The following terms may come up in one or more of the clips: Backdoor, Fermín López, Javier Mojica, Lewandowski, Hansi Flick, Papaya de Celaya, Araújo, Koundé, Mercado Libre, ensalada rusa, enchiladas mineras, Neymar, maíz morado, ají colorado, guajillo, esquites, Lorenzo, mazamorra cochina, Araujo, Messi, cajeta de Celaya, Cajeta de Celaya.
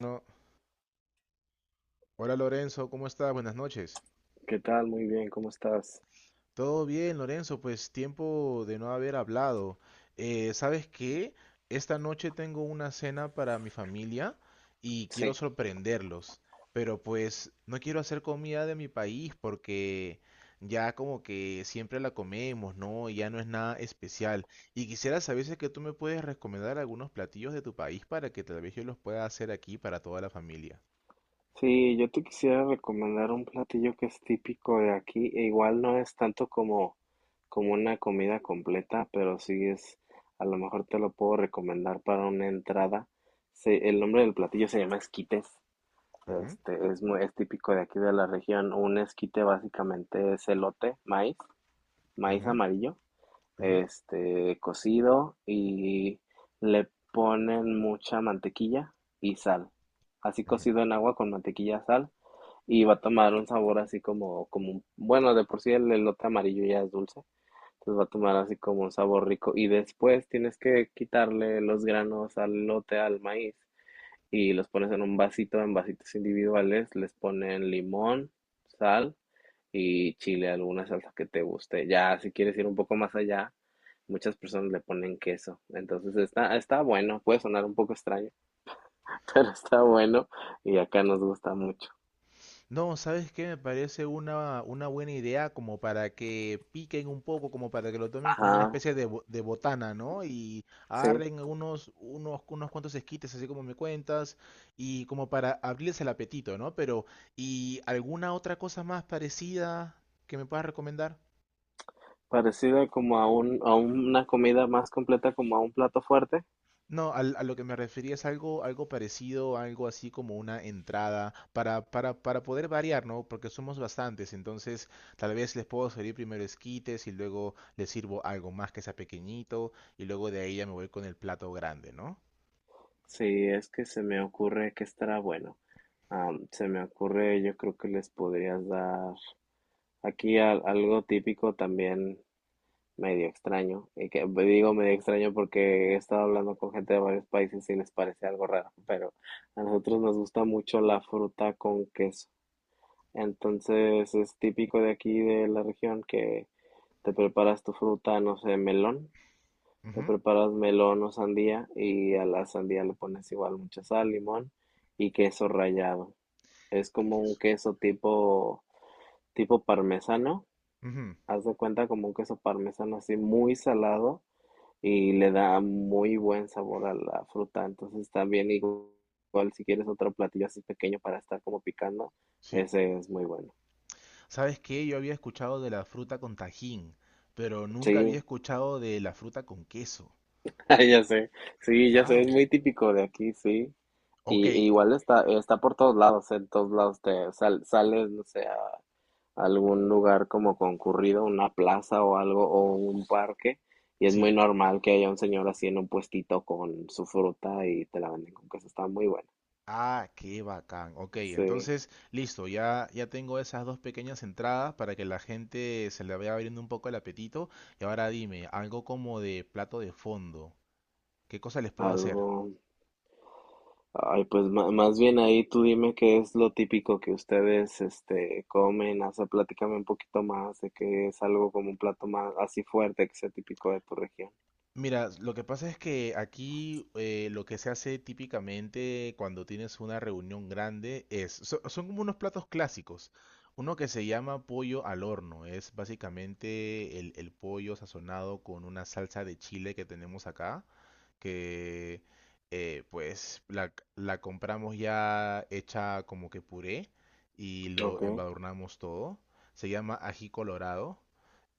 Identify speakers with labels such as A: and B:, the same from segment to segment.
A: No. Hola Lorenzo, ¿cómo estás? Buenas noches.
B: ¿Qué tal? Muy bien, ¿cómo estás?
A: Todo bien, Lorenzo, pues tiempo de no haber hablado. ¿Sabes qué? Esta noche tengo una cena para mi familia y quiero
B: Sí.
A: sorprenderlos, pero pues no quiero hacer comida de mi país porque ya como que siempre la comemos, ¿no? Y ya no es nada especial. Y quisiera saber si es que tú me puedes recomendar algunos platillos de tu país para que tal vez yo los pueda hacer aquí para toda la familia.
B: Sí, yo te quisiera recomendar un platillo que es típico de aquí, e igual no es tanto como, una comida completa, pero sí es, a lo mejor te lo puedo recomendar para una entrada. El nombre del platillo se llama esquites.
A: Ujú,
B: Es muy, es típico de aquí de la región. Un esquite básicamente es elote, maíz, maíz
A: ujú,
B: amarillo.
A: ujú,
B: Cocido y le ponen mucha mantequilla y sal. Así
A: ujú.
B: cocido en agua con mantequilla, sal, y va a tomar un sabor así como, como, bueno, de por sí el elote amarillo ya es dulce, entonces va a tomar así como un sabor rico, y después tienes que quitarle los granos al elote, al maíz, y los pones en un vasito, en vasitos individuales, les ponen limón, sal y chile, alguna salsa que te guste. Ya, si quieres ir un poco más allá, muchas personas le ponen queso. Entonces está, está bueno, puede sonar un poco extraño, pero está bueno y acá nos gusta mucho.
A: No, ¿sabes qué? Me parece una buena idea como para que piquen un poco, como para que lo tomen como una
B: Ajá,
A: especie de, de botana, ¿no? Y
B: sí,
A: agarren unos cuantos esquites, así como me cuentas, y como para abrirles el apetito, ¿no? Pero, ¿y alguna otra cosa más parecida que me puedas recomendar?
B: parecida como a una comida más completa, como a un plato fuerte.
A: No, a lo que me refería es algo, algo parecido, algo así como una entrada para poder variar, ¿no? Porque somos bastantes, entonces tal vez les puedo servir primero esquites y luego les sirvo algo más que sea pequeñito y luego de ahí ya me voy con el plato grande, ¿no?
B: Sí, es que se me ocurre que estará bueno. Se me ocurre, yo creo que les podrías dar aquí algo típico también. Medio extraño. Y que digo medio extraño porque he estado hablando con gente de varios países y les parece algo raro, pero a nosotros nos gusta mucho la fruta con queso. Entonces es típico de aquí de la región que te preparas tu fruta, no sé, melón, te
A: Ujú.
B: preparas melón o sandía, y a la sandía le pones igual mucha sal, limón y queso rallado. Es como un
A: Queso.
B: queso tipo parmesano,
A: Ujú.
B: haz de cuenta como un queso parmesano así muy salado, y le da muy buen sabor a la fruta. Entonces también igual, si quieres otro platillo así pequeño para estar como picando,
A: Sí.
B: ese es muy bueno.
A: ¿Sabes qué? Yo había escuchado de la fruta con tajín, pero
B: Sí,
A: nunca había escuchado de la fruta con queso.
B: ay, ya sé, sí, ya sé,
A: Wow.
B: es muy típico de aquí, sí.
A: Ok,
B: Y igual está, está por todos lados, en todos lados te sales, no sé, a algún lugar como concurrido, una plaza o algo, o un parque, y es muy
A: sí.
B: normal que haya un señor así en un puestito con su fruta y te la venden con queso, está muy bueno.
A: Ah, qué bacán. Ok,
B: Sí.
A: entonces, listo, ya, ya tengo esas dos pequeñas entradas para que la gente se le vaya abriendo un poco el apetito. Y ahora dime, algo como de plato de fondo. ¿Qué cosa les puedo hacer?
B: Algo. Ay, pues más bien ahí tú dime qué es lo típico que ustedes este comen, o sea, platícame un poquito más de qué es algo como un plato más así fuerte que sea típico de tu región.
A: Mira, lo que pasa es que aquí lo que se hace típicamente cuando tienes una reunión grande es, son como unos platos clásicos. Uno que se llama pollo al horno, es básicamente el pollo sazonado con una salsa de chile que tenemos acá, que pues la compramos ya hecha como que puré y lo
B: Okay,
A: embadurnamos todo. Se llama ají colorado.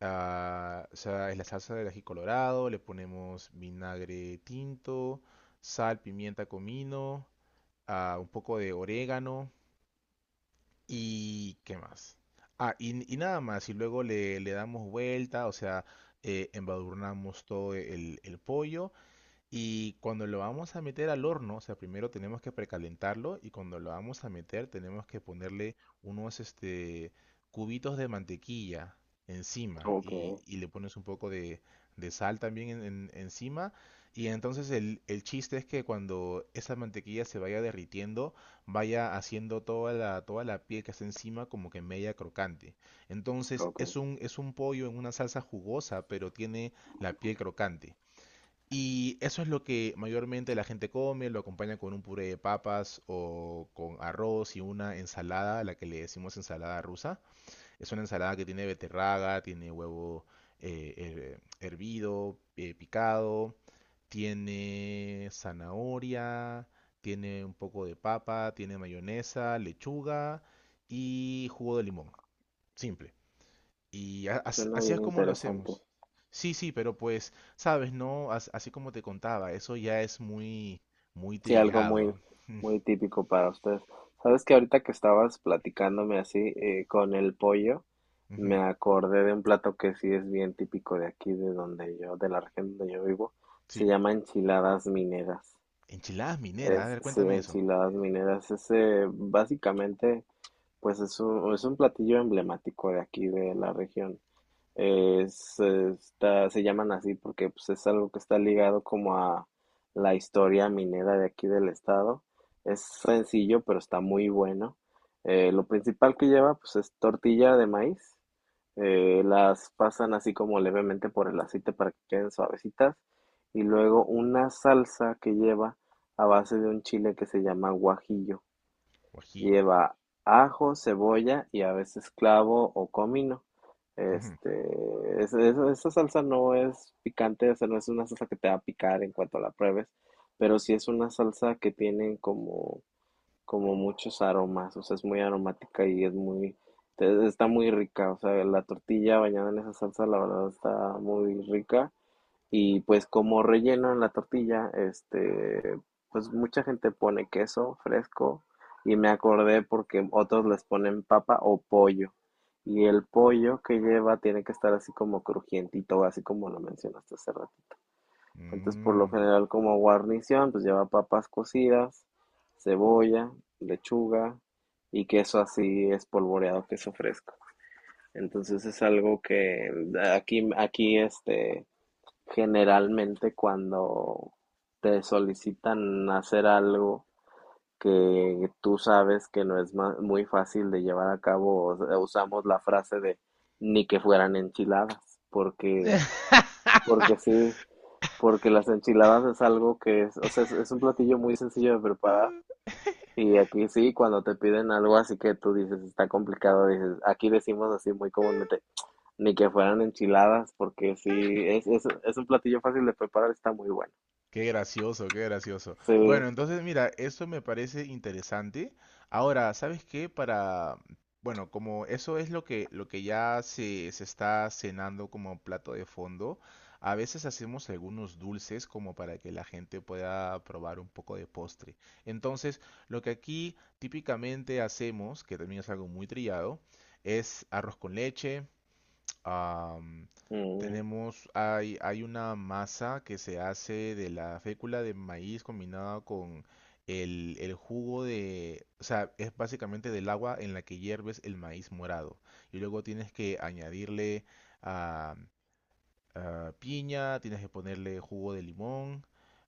A: Ah, o sea, es la salsa del ají colorado, le ponemos vinagre tinto, sal, pimienta, comino, un poco de orégano y ¿qué más? Y, y nada más, y luego le damos vuelta, o sea, embadurnamos todo el pollo y cuando lo vamos a meter al horno, o sea, primero tenemos que precalentarlo y cuando lo vamos a meter tenemos que ponerle unos cubitos de mantequilla encima
B: okay,
A: y le pones un poco de sal también encima. Y entonces el chiste es que cuando esa mantequilla se vaya derritiendo, vaya haciendo toda toda la piel que está encima como que media crocante. Entonces
B: okay.
A: es un pollo en una salsa jugosa, pero tiene la piel crocante. Y eso es lo que mayormente la gente come, lo acompaña con un puré de papas o con arroz y una ensalada, la que le decimos ensalada rusa. Es una ensalada que tiene beterraga, tiene huevo hervido, picado, tiene zanahoria, tiene un poco de papa, tiene mayonesa, lechuga y jugo de limón. Simple. Y
B: Suena
A: así es
B: bien
A: como lo
B: interesante.
A: hacemos. Sí, sí, pero pues, sabes, no, así como te contaba, eso ya es muy, muy
B: Sí, algo muy,
A: trillado.
B: muy típico para ustedes. Sabes que ahorita que estabas platicándome así con el pollo,
A: Ujú.
B: me acordé de un plato que sí es bien típico de aquí, de donde yo, de la región donde yo vivo. Se
A: Sí,
B: llama enchiladas mineras.
A: enchiladas mineras, a
B: Es,
A: ver,
B: sí,
A: cuéntame eso.
B: enchiladas mineras. Ese básicamente, pues es un platillo emblemático de aquí, de la región. Es, está, se llaman así porque pues, es algo que está ligado como a la historia minera de aquí del estado. Es sencillo, pero está muy bueno. Lo principal que lleva, pues, es tortilla de maíz, las pasan así como levemente por el aceite para que queden suavecitas, y luego una salsa que lleva a base de un chile que se llama guajillo.
A: Guajillo.
B: Lleva ajo, cebolla y a veces clavo o comino.
A: Ujú.
B: Este, Esa salsa no es picante, o sea, no es una salsa que te va a picar en cuanto la pruebes, pero sí es una salsa que tienen como muchos aromas, o sea, es muy aromática y es muy, está muy rica, o sea, la tortilla bañada en esa salsa, la verdad está muy rica. Y pues como relleno en la tortilla, pues mucha gente pone queso fresco, y me acordé porque otros les ponen papa o pollo. Y el pollo que lleva tiene que estar así como crujientito, así como lo mencionaste hace rato. Entonces, por lo
A: Mm.
B: general, como guarnición, pues lleva papas cocidas, cebolla, lechuga y queso así espolvoreado, queso fresco. Entonces es algo que aquí, aquí generalmente cuando te solicitan hacer algo que tú sabes que no es muy fácil de llevar a cabo, usamos la frase de ni que fueran enchiladas, porque, porque sí, porque las enchiladas es algo que es, o sea, es un platillo muy sencillo de preparar. Y aquí sí, cuando te piden algo así que tú dices está complicado, dices, aquí decimos así muy comúnmente, ni que fueran enchiladas, porque sí, es un platillo fácil de preparar, está muy bueno.
A: Qué gracioso, qué gracioso.
B: Sí,
A: Bueno, entonces mira, eso me parece interesante. Ahora, ¿sabes qué? Para, bueno, como eso es lo que ya se está cenando como plato de fondo, a veces hacemos algunos dulces como para que la gente pueda probar un poco de postre. Entonces, lo que aquí típicamente hacemos, que también es algo muy trillado, es arroz con leche. Am,
B: mm,
A: Tenemos, hay una masa que se hace de la fécula de maíz combinada con el jugo de, o sea, es básicamente del agua en la que hierves el maíz morado. Y luego tienes que añadirle ah, piña, tienes que ponerle jugo de limón,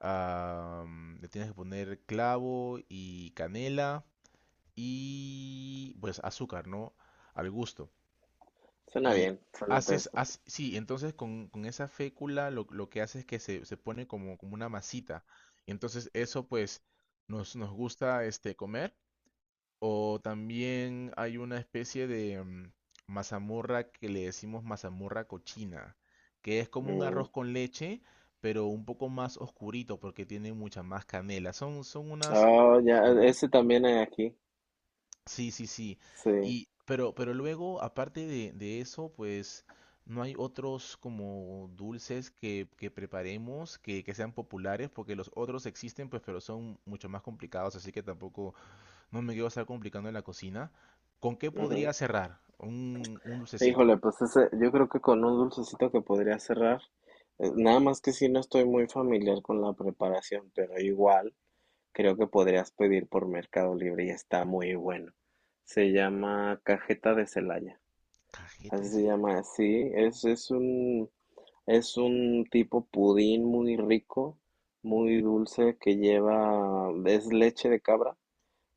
A: le tienes que poner clavo y canela y pues azúcar, ¿no? Al gusto.
B: suena
A: Y
B: bien, suena
A: haces,
B: interesante.
A: sí, entonces con esa fécula lo que hace es que se pone como, como una masita. Y entonces eso pues nos, nos gusta comer. O también hay una especie de mazamorra que le decimos mazamorra cochina, que es como un arroz
B: Mm.
A: con leche, pero un poco más oscurito porque tiene mucha más canela. Son, son unas...
B: Oh, ya, ese también hay aquí,
A: Sí, sí, sí.
B: sí.
A: Y, pero luego, aparte de eso, pues no hay otros como dulces que preparemos que sean populares, porque los otros existen, pues, pero son mucho más complicados, así que tampoco no me quiero estar complicando en la cocina. ¿Con qué podría cerrar? Un dulcecito.
B: Híjole, pues ese, yo creo que con un dulcecito que podría cerrar, nada más que si no estoy muy familiar con la preparación, pero igual creo que podrías pedir por Mercado Libre y está muy bueno. Se llama cajeta de Celaya,
A: Cajeta de
B: así se
A: Celaya.
B: llama, sí, es un tipo pudín muy rico, muy dulce, que lleva, es leche de cabra,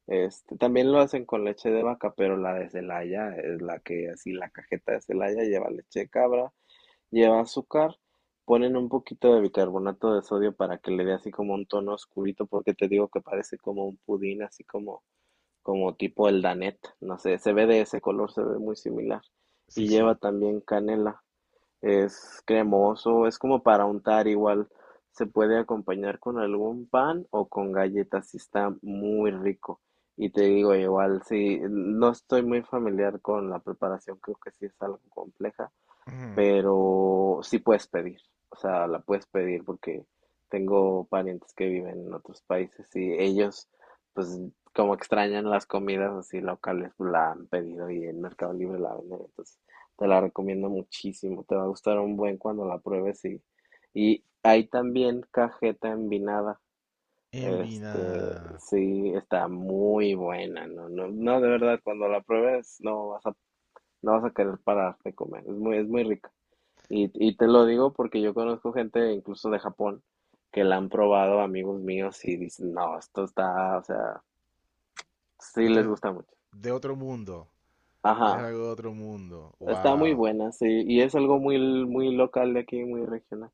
B: también lo hacen con leche de vaca, pero la de Celaya es la que así la cajeta de Celaya lleva leche de cabra, lleva azúcar, ponen un poquito de bicarbonato de sodio para que le dé así como un tono oscurito, porque te digo que parece como un pudín, así como tipo el Danet, no sé, se ve de ese color, se ve muy similar,
A: Sí,
B: y lleva
A: sí.
B: también canela. Es cremoso, es como para untar igual. Se puede acompañar con algún pan o con galletas y está muy rico. Y te digo, igual, sí, no estoy muy familiar con la preparación, creo que sí es algo compleja,
A: Ujú.
B: pero sí puedes pedir, o sea, la puedes pedir, porque tengo parientes que viven en otros países y ellos, pues, como extrañan las comidas así locales, pues, la han pedido, y en Mercado Libre la venden, entonces te la recomiendo muchísimo, te va a gustar un buen cuando la pruebes, y hay también cajeta envinada.
A: Envinada.
B: Sí, está muy buena, no, no, no, de verdad, cuando la pruebes no vas a, no vas a querer parar de comer, es muy rica. Y te lo digo porque yo conozco gente incluso de Japón que la han probado, amigos míos, y dicen, no, esto está, o sea, sí
A: Esto
B: les
A: es
B: gusta mucho.
A: de otro mundo.
B: Ajá,
A: Es algo de otro mundo.
B: está muy
A: Wow.
B: buena, sí, y es algo muy, muy local de aquí, muy regional.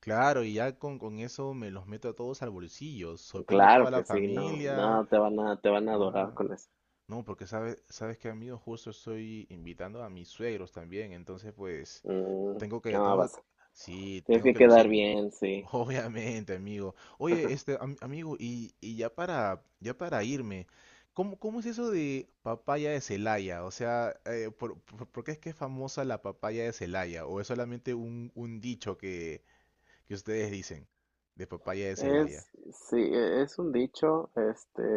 A: Claro, y ya con eso me los meto a todos al bolsillo, sorprendo a toda
B: Claro
A: la
B: que sí, no,
A: familia.
B: no, te van a
A: Me van
B: adorar
A: a...
B: con eso.
A: No, porque sabes, sabes que amigo, justo estoy invitando a mis suegros también, entonces pues
B: Mm,
A: tengo que,
B: no,
A: tengo
B: vas.
A: que... sí,
B: Tienes
A: tengo
B: que
A: que
B: quedar
A: lucirme.
B: bien, sí.
A: Obviamente, amigo. Oye, amigo, y ya para, ya para irme, ¿cómo, cómo es eso de papaya de Celaya? O sea, ¿por, por qué es que es famosa la papaya de Celaya? ¿O es solamente un dicho que ustedes dicen de papaya de
B: Es,
A: Celaya?
B: sí, es un dicho,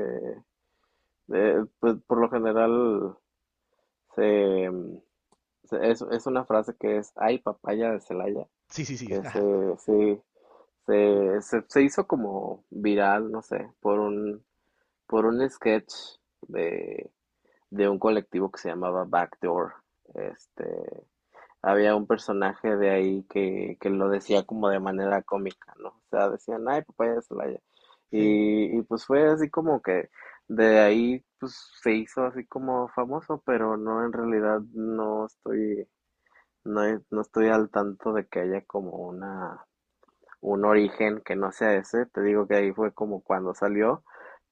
B: pues por lo general se, es una frase que es, ay, papaya de Celaya,
A: Sí, sí, sí.
B: que se hizo como viral, no sé, por un sketch de, de un colectivo que se llamaba Backdoor. Este, había un personaje de ahí que lo decía como de manera cómica, ¿no? O sea, decían, ay, papaya de Celaya.
A: Sí.
B: Y pues fue así como que de ahí pues se hizo así como famoso, pero no, en realidad no estoy, no, no estoy al tanto de que haya como una, un origen que no sea ese. Te digo que ahí fue como cuando salió,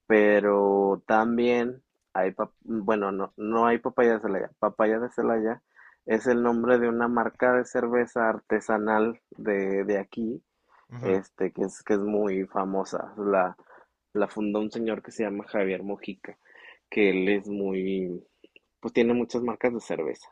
B: pero también hay, bueno, no, no hay papaya de Celaya. Papaya de Celaya es el nombre de una marca de cerveza artesanal de aquí,
A: Ajá.
B: que es muy famosa. La fundó un señor que se llama Javier Mojica, que él es muy, pues tiene muchas marcas de cerveza.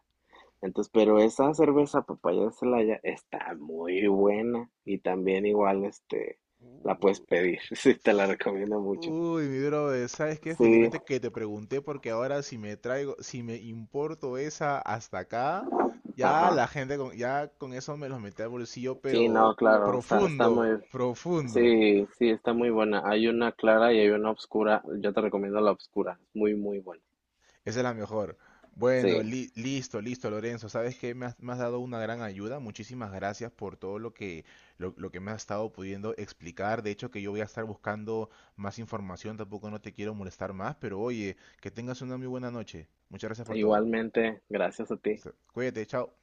B: Entonces, pero esa cerveza papaya de Celaya está muy buena, y también igual este la
A: Uh,
B: puedes pedir, sí, te la recomiendo mucho.
A: uy, mi brother, ¿sabes qué?
B: Sí,
A: Felizmente que te pregunté porque ahora si me traigo, si me importo esa hasta acá, ya
B: ajá.
A: la gente con, ya con eso me los metí al bolsillo,
B: Sí, no,
A: pero
B: ok, claro, está, está
A: profundo,
B: muy,
A: profundo.
B: sí, sí, está muy buena. Hay una clara y hay una oscura. Yo te recomiendo la oscura, es muy, muy buena.
A: Esa es la mejor. Bueno,
B: Sí,
A: listo, listo, Lorenzo. Sabes que me has dado una gran ayuda. Muchísimas gracias por todo lo que, lo que me has estado pudiendo explicar. De hecho, que yo voy a estar buscando más información. Tampoco no te quiero molestar más, pero oye, que tengas una muy buena noche. Muchas gracias por todo.
B: igualmente, gracias a ti.
A: Listo. Cuídate, chao.